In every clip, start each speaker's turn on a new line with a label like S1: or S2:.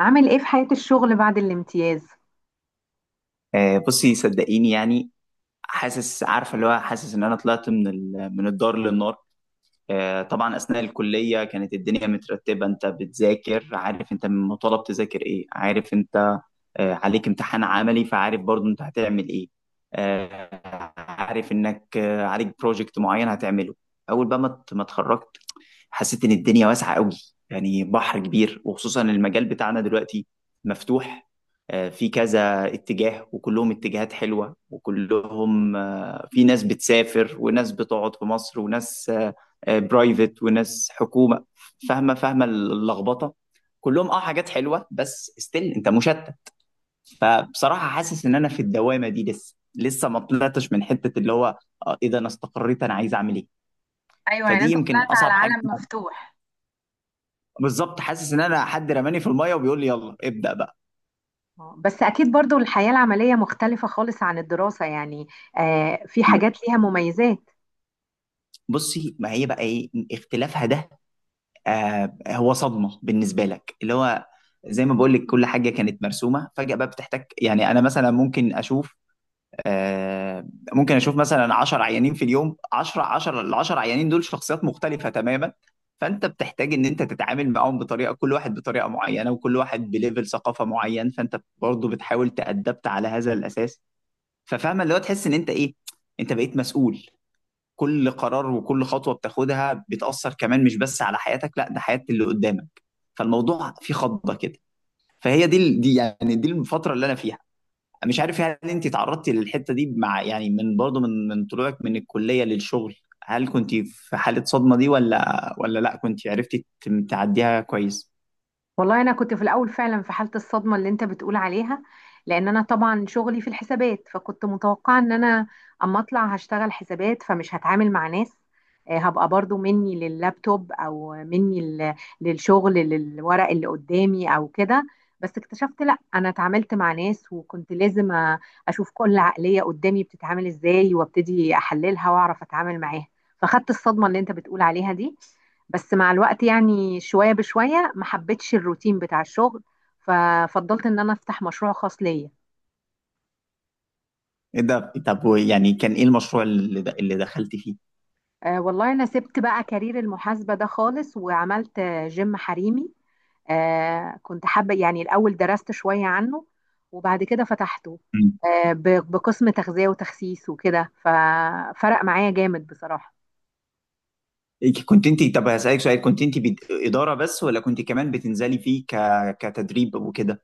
S1: عامل ايه في حياة الشغل بعد الامتياز؟
S2: بصي صدقيني يعني. حاسس، عارفه اللي هو، حاسس ان انا طلعت من الدار للنار. طبعا اثناء الكليه كانت الدنيا مترتبه، انت بتذاكر، عارف انت مطالب تذاكر ايه، عارف انت. عليك امتحان عملي، فعارف برضو انت هتعمل ايه. عارف انك، عليك بروجكت معين هتعمله. اول بقى ما اتخرجت، حسيت ان الدنيا واسعه قوي، يعني بحر كبير. وخصوصا المجال بتاعنا دلوقتي مفتوح. في كذا اتجاه وكلهم اتجاهات حلوه، وكلهم في ناس بتسافر وناس بتقعد في مصر، وناس برايفت وناس حكومه. فاهمه، فاهمه اللخبطه. كلهم حاجات حلوه، بس ستيل انت مشتت. فبصراحه حاسس ان انا في الدوامه دي، لسه لسه ما طلعتش من حته اللي هو اذا انا استقريت انا عايز اعمل ايه.
S1: ايوه، يعني
S2: فدي
S1: انت
S2: يمكن
S1: طلعت على
S2: اصعب حاجه.
S1: عالم مفتوح.
S2: بالظبط، حاسس ان انا حد رماني في الميه وبيقول لي يلا ابدا بقى.
S1: آه. بس أكيد برضو الحياة العملية مختلفة خالص عن الدراسة يعني. آه، في حاجات ليها مميزات.
S2: بصي، ما هي بقى ايه اختلافها ده؟ هو صدمه بالنسبه لك اللي هو، زي ما بقول لك، كل حاجه كانت مرسومه. فجاه بقى بتحتاج، يعني انا مثلا ممكن اشوف، آه ممكن اشوف مثلا 10 عيانين في اليوم. 10 10 ال 10 عيانين دول شخصيات مختلفه تماما. فانت بتحتاج ان انت تتعامل معاهم بطريقه، كل واحد بطريقه معينه، وكل واحد بليفل ثقافه معين. فانت برضه بتحاول تأدبت على هذا الاساس. ففاهمه اللي هو، تحس ان انت ايه، انت بقيت مسؤول. كل قرار وكل خطوه بتاخدها بتاثر كمان، مش بس على حياتك، لا ده حياه اللي قدامك. فالموضوع فيه خضه كده. فهي دي دي الفتره اللي انا فيها. مش عارف، هل انت تعرضتي للحته دي مع يعني من برضه من من طلوعك من الكليه للشغل، هل كنت في حاله صدمه دي، ولا ولا لا كنت عرفتي تعديها كويس؟
S1: والله انا كنت في الاول فعلا في حاله الصدمه اللي انت بتقول عليها، لان انا طبعا شغلي في الحسابات، فكنت متوقعه ان انا اما اطلع هشتغل حسابات فمش هتعامل مع ناس. هبقى برضو مني لللابتوب او مني للشغل، للورق اللي قدامي او كده. بس اكتشفت لا، انا اتعاملت مع ناس وكنت لازم أ- اشوف كل عقليه قدامي بتتعامل ازاي، وابتدي احللها واعرف اتعامل معاها. فخدت الصدمه اللي انت بتقول عليها دي، بس مع الوقت يعني شوية بشوية ما حبيتش الروتين بتاع الشغل، ففضلت ان انا افتح مشروع خاص ليا.
S2: ايه ده؟ طب يعني كان ايه المشروع اللي دخلتي فيه؟
S1: والله انا سبت بقى كارير المحاسبة ده خالص، وعملت جيم حريمي. كنت حابة، يعني الاول درست شوية عنه وبعد كده فتحته. بقسم تغذية وتخسيس وكده، ففرق معايا جامد بصراحة.
S2: إيه، كنت انت، طب هسألك سؤال. كنت انت إدارة بس، ولا كنت كمان بتنزلي فيه كتدريب وكده؟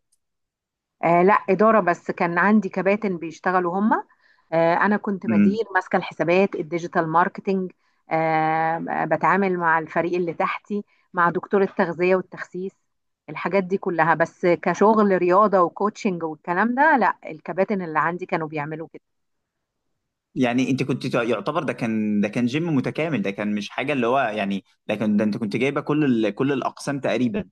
S1: لا، إدارة بس، كان عندي كباتن بيشتغلوا هما. أنا كنت
S2: امم.
S1: بدير، ماسكة الحسابات، الديجيتال ماركتينج. آه. بتعامل مع الفريق اللي تحتي، مع دكتور التغذية والتخسيس، الحاجات دي كلها، بس كشغل رياضة وكوتشنج والكلام ده لا، الكباتن اللي عندي كانوا بيعملوا كده.
S2: يعني انت كنت يعتبر ده كان جيم متكامل، ده كان مش حاجة اللي هو، يعني ده كان انت كنت جايبة كل الأقسام تقريبا.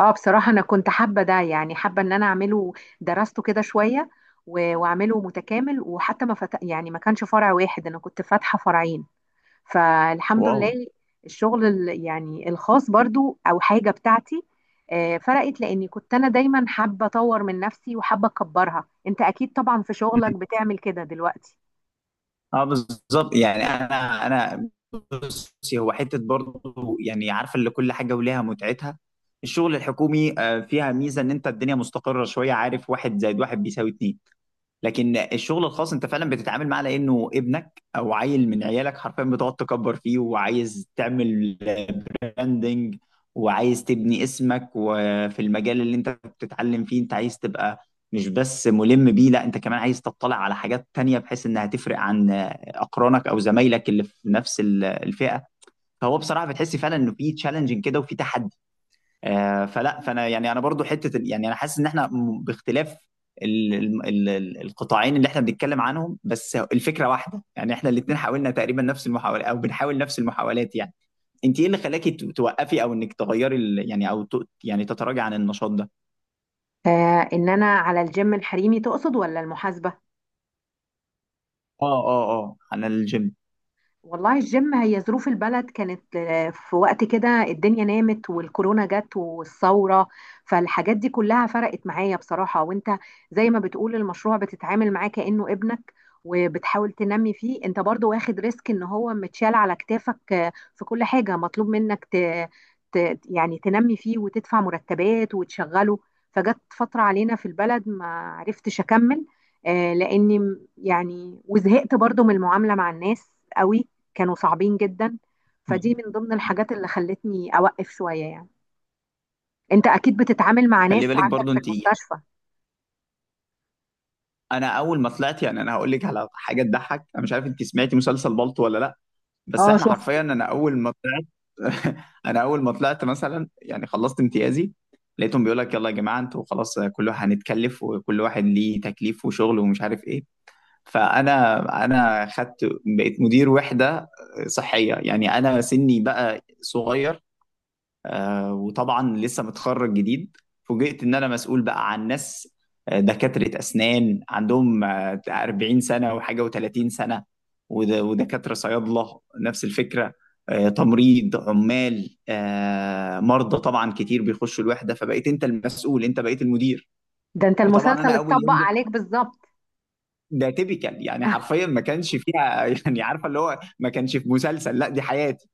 S1: اه بصراحة أنا كنت حابة ده، يعني حابة إن أنا أعمله. درسته كده شوية و- وأعمله متكامل، وحتى ما فت... يعني ما كانش فرع واحد، أنا كنت فاتحة فرعين، فالحمد
S2: واو.
S1: لله. الشغل يعني الخاص برضو او حاجه بتاعتي، فرقت، لاني كنت انا دايما حابه اطور من نفسي وحابه اكبرها. انت اكيد طبعا في شغلك
S2: مم.
S1: بتعمل كده دلوقتي.
S2: اه بالظبط، يعني انا بصي، هو حتة برضه يعني، عارفة اللي كل حاجة وليها متعتها. الشغل الحكومي فيها ميزة ان انت الدنيا مستقرة شوية، عارف، واحد زائد واحد بيساوي اتنين. لكن الشغل الخاص، انت فعلا بتتعامل معاه لانه ابنك او عيل من عيالك حرفيا، بتقعد تكبر فيه، وعايز تعمل براندنج، وعايز تبني اسمك. وفي المجال اللي انت بتتعلم فيه، انت عايز تبقى مش بس ملم بيه، لا انت كمان عايز تطلع على حاجات تانية، بحيث انها تفرق عن اقرانك او زمايلك اللي في نفس الفئة. فهو بصراحة بتحس فعلا انه في تشالنجنج كده، وفي تحدي. آه، فلا فانا يعني انا برضو حته يعني انا حاسس ان احنا باختلاف القطاعين اللي احنا بنتكلم عنهم، بس الفكره واحده. يعني احنا الاثنين حاولنا تقريبا نفس المحاولات، او بنحاول نفس المحاولات يعني. انت ايه اللي خلاكي توقفي، او انك تغيري ال- يعني او ت- يعني تتراجعي عن النشاط ده؟
S1: ان انا على الجيم الحريمي تقصد ولا المحاسبه؟
S2: اه اه اه، عن الجيم.
S1: والله الجيم هي ظروف البلد، كانت في وقت كده الدنيا نامت والكورونا جت والثورة، فالحاجات دي كلها فرقت معايا بصراحة. وانت زي ما بتقول المشروع بتتعامل معاه كأنه ابنك، وبتحاول تنمي فيه، انت برضو واخد ريسك ان هو متشال على كتافك، في كل حاجة مطلوب منك يعني تنمي فيه وتدفع مرتبات وتشغله. فجت فترة علينا في البلد ما عرفتش اكمل، لاني يعني وزهقت برضو من المعاملة مع الناس قوي، كانوا صعبين جدا. فدي من ضمن الحاجات اللي خلتني أوقف شوية يعني. أنت أكيد بتتعامل مع
S2: خلي
S1: ناس
S2: بالك
S1: عندك
S2: برضو
S1: في
S2: انت،
S1: المستشفى.
S2: انا اول ما طلعت، يعني انا هقول لك على حاجه تضحك. انا مش عارف انت سمعتي مسلسل بالطو ولا لا. بس
S1: اه،
S2: احنا
S1: شفت.
S2: حرفيا، انا اول ما طلعت. انا اول ما طلعت مثلا، يعني خلصت امتيازي. لقيتهم بيقول لك، يلا يا جماعه انتوا خلاص، كل واحد هنتكلف، وكل واحد ليه تكليف وشغل ومش عارف ايه. فانا خدت. بقيت مدير وحده صحيه، يعني انا سني بقى صغير، وطبعا لسه متخرج جديد. فوجئت ان انا مسؤول بقى عن ناس، دكاترة اسنان عندهم 40 سنة وحاجة و30 سنة، ودكاترة صيادلة نفس الفكرة، تمريض، عمال، مرضى طبعا كتير بيخشوا الوحدة. فبقيت انت المسؤول، انت بقيت المدير.
S1: ده أنت
S2: وطبعا انا
S1: المسلسل
S2: اول
S1: اتطبق
S2: يوم ده،
S1: عليك بالظبط.
S2: ده تيبيكال يعني، حرفيا ما كانش فيها. يعني عارفه اللي هو، ما كانش في مسلسل، لا دي حياتي.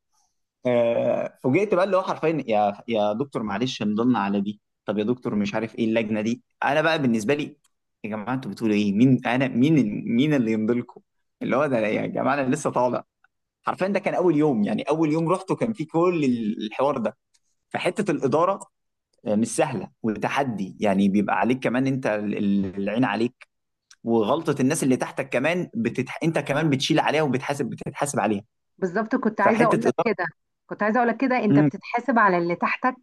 S2: فوجئت بقى، اللي هو حرفيا، يا دكتور معلش نضلنا على دي، طب يا دكتور مش عارف ايه اللجنه دي، انا بقى بالنسبه لي، يا جماعه انتوا بتقولوا ايه، مين انا، مين؟ مين اللي يمضلكم؟ اللي هو ده، يا جماعه انا لسه طالع. حرفيا ده كان اول يوم، يعني اول يوم رحته كان فيه كل الحوار ده. فحته الاداره مش سهله وتحدي، يعني بيبقى عليك كمان انت، العين عليك وغلطه الناس اللي تحتك كمان انت كمان بتشيل عليها، بتتحاسب عليها.
S1: بالظبط، كنت عايزة
S2: فحته
S1: أقول لك كده.
S2: اداره.
S1: أنت
S2: امم.
S1: بتتحاسب على اللي تحتك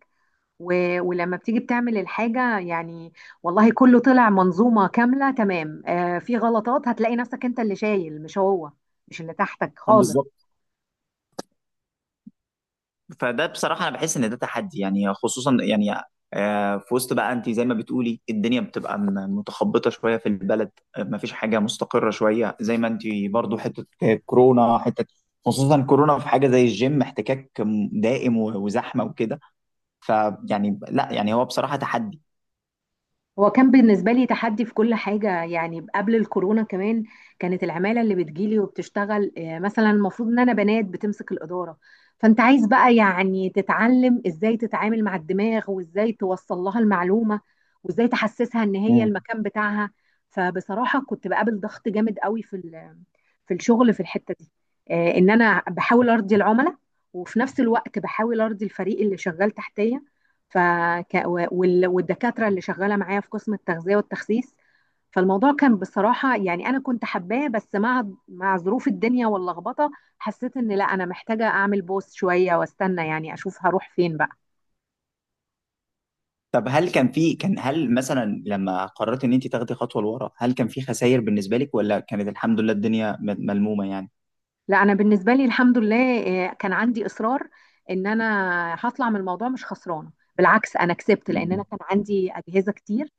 S1: و... ولما بتيجي بتعمل الحاجة يعني، والله كله طلع منظومة كاملة تمام. في غلطات هتلاقي نفسك أنت اللي شايل، مش هو، مش اللي تحتك خالص.
S2: بالظبط. فده بصراحة أنا بحس إن ده تحدي، يعني خصوصا يعني في وسط بقى، أنت زي ما بتقولي الدنيا بتبقى متخبطة شوية في البلد، مفيش حاجة مستقرة شوية، زي ما أنت برضو، حتة كورونا حتة، خصوصا كورونا، في حاجة زي الجيم احتكاك دائم وزحمة وكده. فيعني لا، يعني هو بصراحة تحدي.
S1: هو كان بالنسبة لي تحدي في كل حاجة يعني، قبل الكورونا كمان كانت العمالة اللي بتجيلي وبتشتغل، مثلا المفروض ان انا بنات بتمسك الإدارة. فانت عايز بقى يعني تتعلم ازاي تتعامل مع الدماغ، وازاي توصل لها المعلومة، وازاي تحسسها ان هي
S2: مم.
S1: المكان بتاعها. فبصراحة كنت بقابل ضغط جامد قوي في في الشغل في الحتة دي، ان انا بحاول ارضي العملاء وفي نفس الوقت بحاول ارضي الفريق اللي شغال تحتيا ف ك- و- وال- والدكاترة اللي شغالة معايا في قسم التغذية والتخسيس. فالموضوع كان بصراحة، يعني أنا كنت حباه، بس مع ظروف الدنيا واللخبطة حسيت إن لا، أنا محتاجة أعمل بوس شوية وأستنى، يعني أشوف هروح فين بقى.
S2: طب هل كان في كان هل مثلا لما قررت إن أنت تاخدي خطوة لورا، هل كان في خسائر بالنسبة لك، ولا كانت الحمد لله الدنيا ملمومة يعني؟
S1: لا، أنا بالنسبة لي الحمد لله. كان عندي إصرار إن أنا هطلع من الموضوع مش خسرانة، بالعكس أنا كسبت. لأن أنا
S2: مم.
S1: كان عندي أجهزة كتير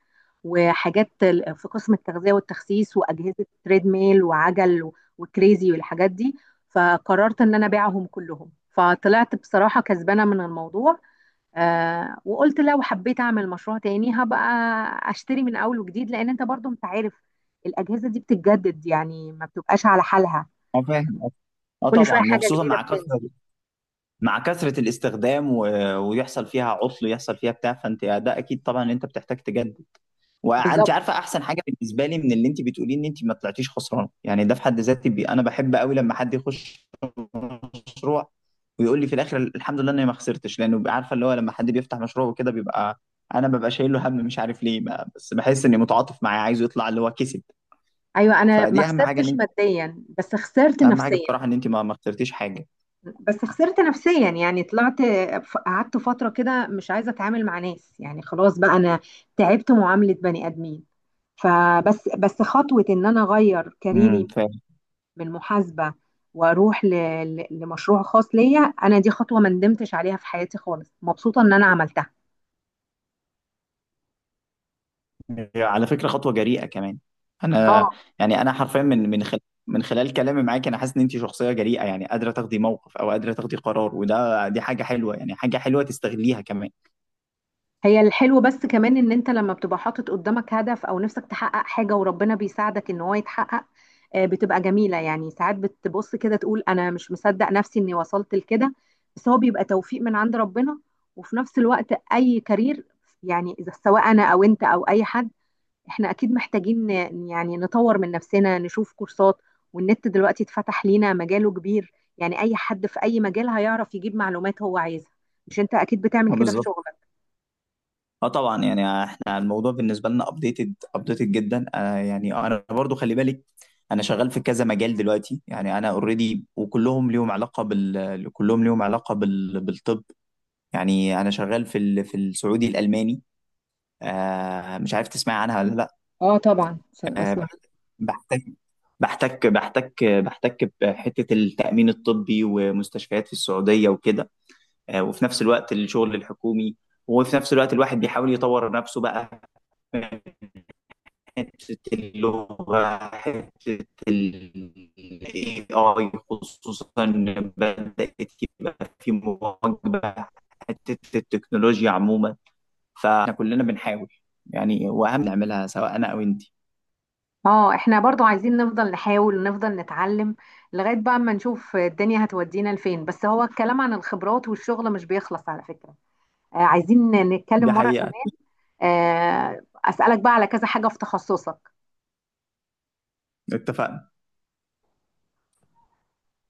S1: وحاجات في قسم التغذية والتخسيس، وأجهزة تريد ميل وعجل و- وكريزي والحاجات دي، فقررت إن أنا أبيعهم كلهم، فطلعت بصراحة كسبانة من الموضوع. وقلت لو حبيت أعمل مشروع تاني هبقى أشتري من أول وجديد، لأن أنت برضو أنت عارف الأجهزة دي بتتجدد، يعني ما بتبقاش على حالها،
S2: أه فاهم. اه
S1: كل شوية
S2: طبعا،
S1: حاجة
S2: وخصوصا
S1: جديدة
S2: مع كثره
S1: بتنزل.
S2: الاستخدام ويحصل فيها عطل، يحصل فيها بتاع. فانت ده اكيد طبعا ان انت بتحتاج تجدد. وانت
S1: بالظبط.
S2: عارفه، احسن حاجه بالنسبه لي من اللي انت بتقوليه، ان انت ما طلعتيش خسرانه. يعني ده في حد ذاتي انا بحب قوي لما حد يخش مشروع، ويقول لي في الاخر الحمد لله اني ما خسرتش. لانه بيبقى عارفه اللي هو، لما حد بيفتح مشروع وكده، بيبقى انا ببقى شايل له هم، مش عارف ليه ما... بس بحس اني متعاطف معاه، عايزه يطلع اللي هو كسب.
S1: أيوة، أنا ما
S2: فدي اهم حاجه ان
S1: خسرتش
S2: انت
S1: ماديا بس خسرت
S2: اهم حاجه
S1: نفسيا.
S2: بصراحه ان انت ما خسرتيش حاجه.
S1: بس خسرت نفسيا يعني طلعت، قعدت فترة كده مش عايزة اتعامل مع ناس يعني، خلاص بقى انا تعبت معاملة بني ادمين. فبس خطوة ان انا اغير كاريري
S2: امم.
S1: من محاسبة، واروح لمشروع خاص ليا انا، دي خطوة ما ندمتش عليها في حياتي خالص، مبسوطة ان انا عملتها.
S2: على فكرة خطوة جريئة كمان.
S1: اه.
S2: انا، يعني انا حرفيا من خلال، من خلال كلامي معاك، انا حاسس ان انت شخصية جريئة، يعني قادرة تاخدي موقف او قادرة تاخدي قرار. وده دي حاجة حلوة، يعني حاجة حلوة تستغليها كمان.
S1: هي الحلو بس كمان ان انت لما بتبقى حاطط قدامك هدف او نفسك تحقق حاجة وربنا بيساعدك ان هو يتحقق، بتبقى جميلة يعني. ساعات بتبص كده تقول انا مش مصدق نفسي اني وصلت لكده، بس هو بيبقى توفيق من عند ربنا. وفي نفس الوقت اي كارير، يعني اذا سواء انا او انت او اي حد، احنا اكيد محتاجين يعني نطور من نفسنا، نشوف كورسات. والنت دلوقتي اتفتح لينا مجاله كبير، يعني اي حد في اي مجال هيعرف يجيب معلومات هو عايزها. مش انت اكيد بتعمل
S2: اه
S1: كده في
S2: بالظبط.
S1: شغلك.
S2: اه طبعا، يعني احنا الموضوع بالنسبة لنا ابديتد ابديتد جدا. يعني انا برضو خلي بالك، انا شغال في كذا مجال دلوقتي، يعني انا اوريدي، وكلهم ليهم علاقة بال كلهم ليهم علاقة بالطب. يعني انا شغال في السعودي الالماني، مش عارف تسمعي عنها ولا لا.
S1: اه، طبعا، عشان
S2: آه،
S1: اصلا.
S2: بحتك بحتك بحتك بحتك بحتة التأمين الطبي ومستشفيات في السعودية وكده. وفي نفس الوقت الشغل الحكومي، وفي نفس الوقت الواحد بيحاول يطور نفسه بقى، من حتة اللغة، حتة ال AI خصوصا، بدأت يبقى في مواكبة حتة التكنولوجيا عموما. فاحنا كلنا بنحاول، يعني وأهم نعملها، سواء أنا أو أنت.
S1: اه، احنا برضو عايزين نفضل نحاول ونفضل نتعلم، لغاية بقى ما نشوف الدنيا هتودينا لفين. بس هو الكلام عن الخبرات والشغل مش بيخلص على فكرة، عايزين
S2: دي
S1: نتكلم مرة
S2: حقيقة.
S1: كمان. أسألك بقى على كذا حاجة في تخصصك.
S2: اتفقنا.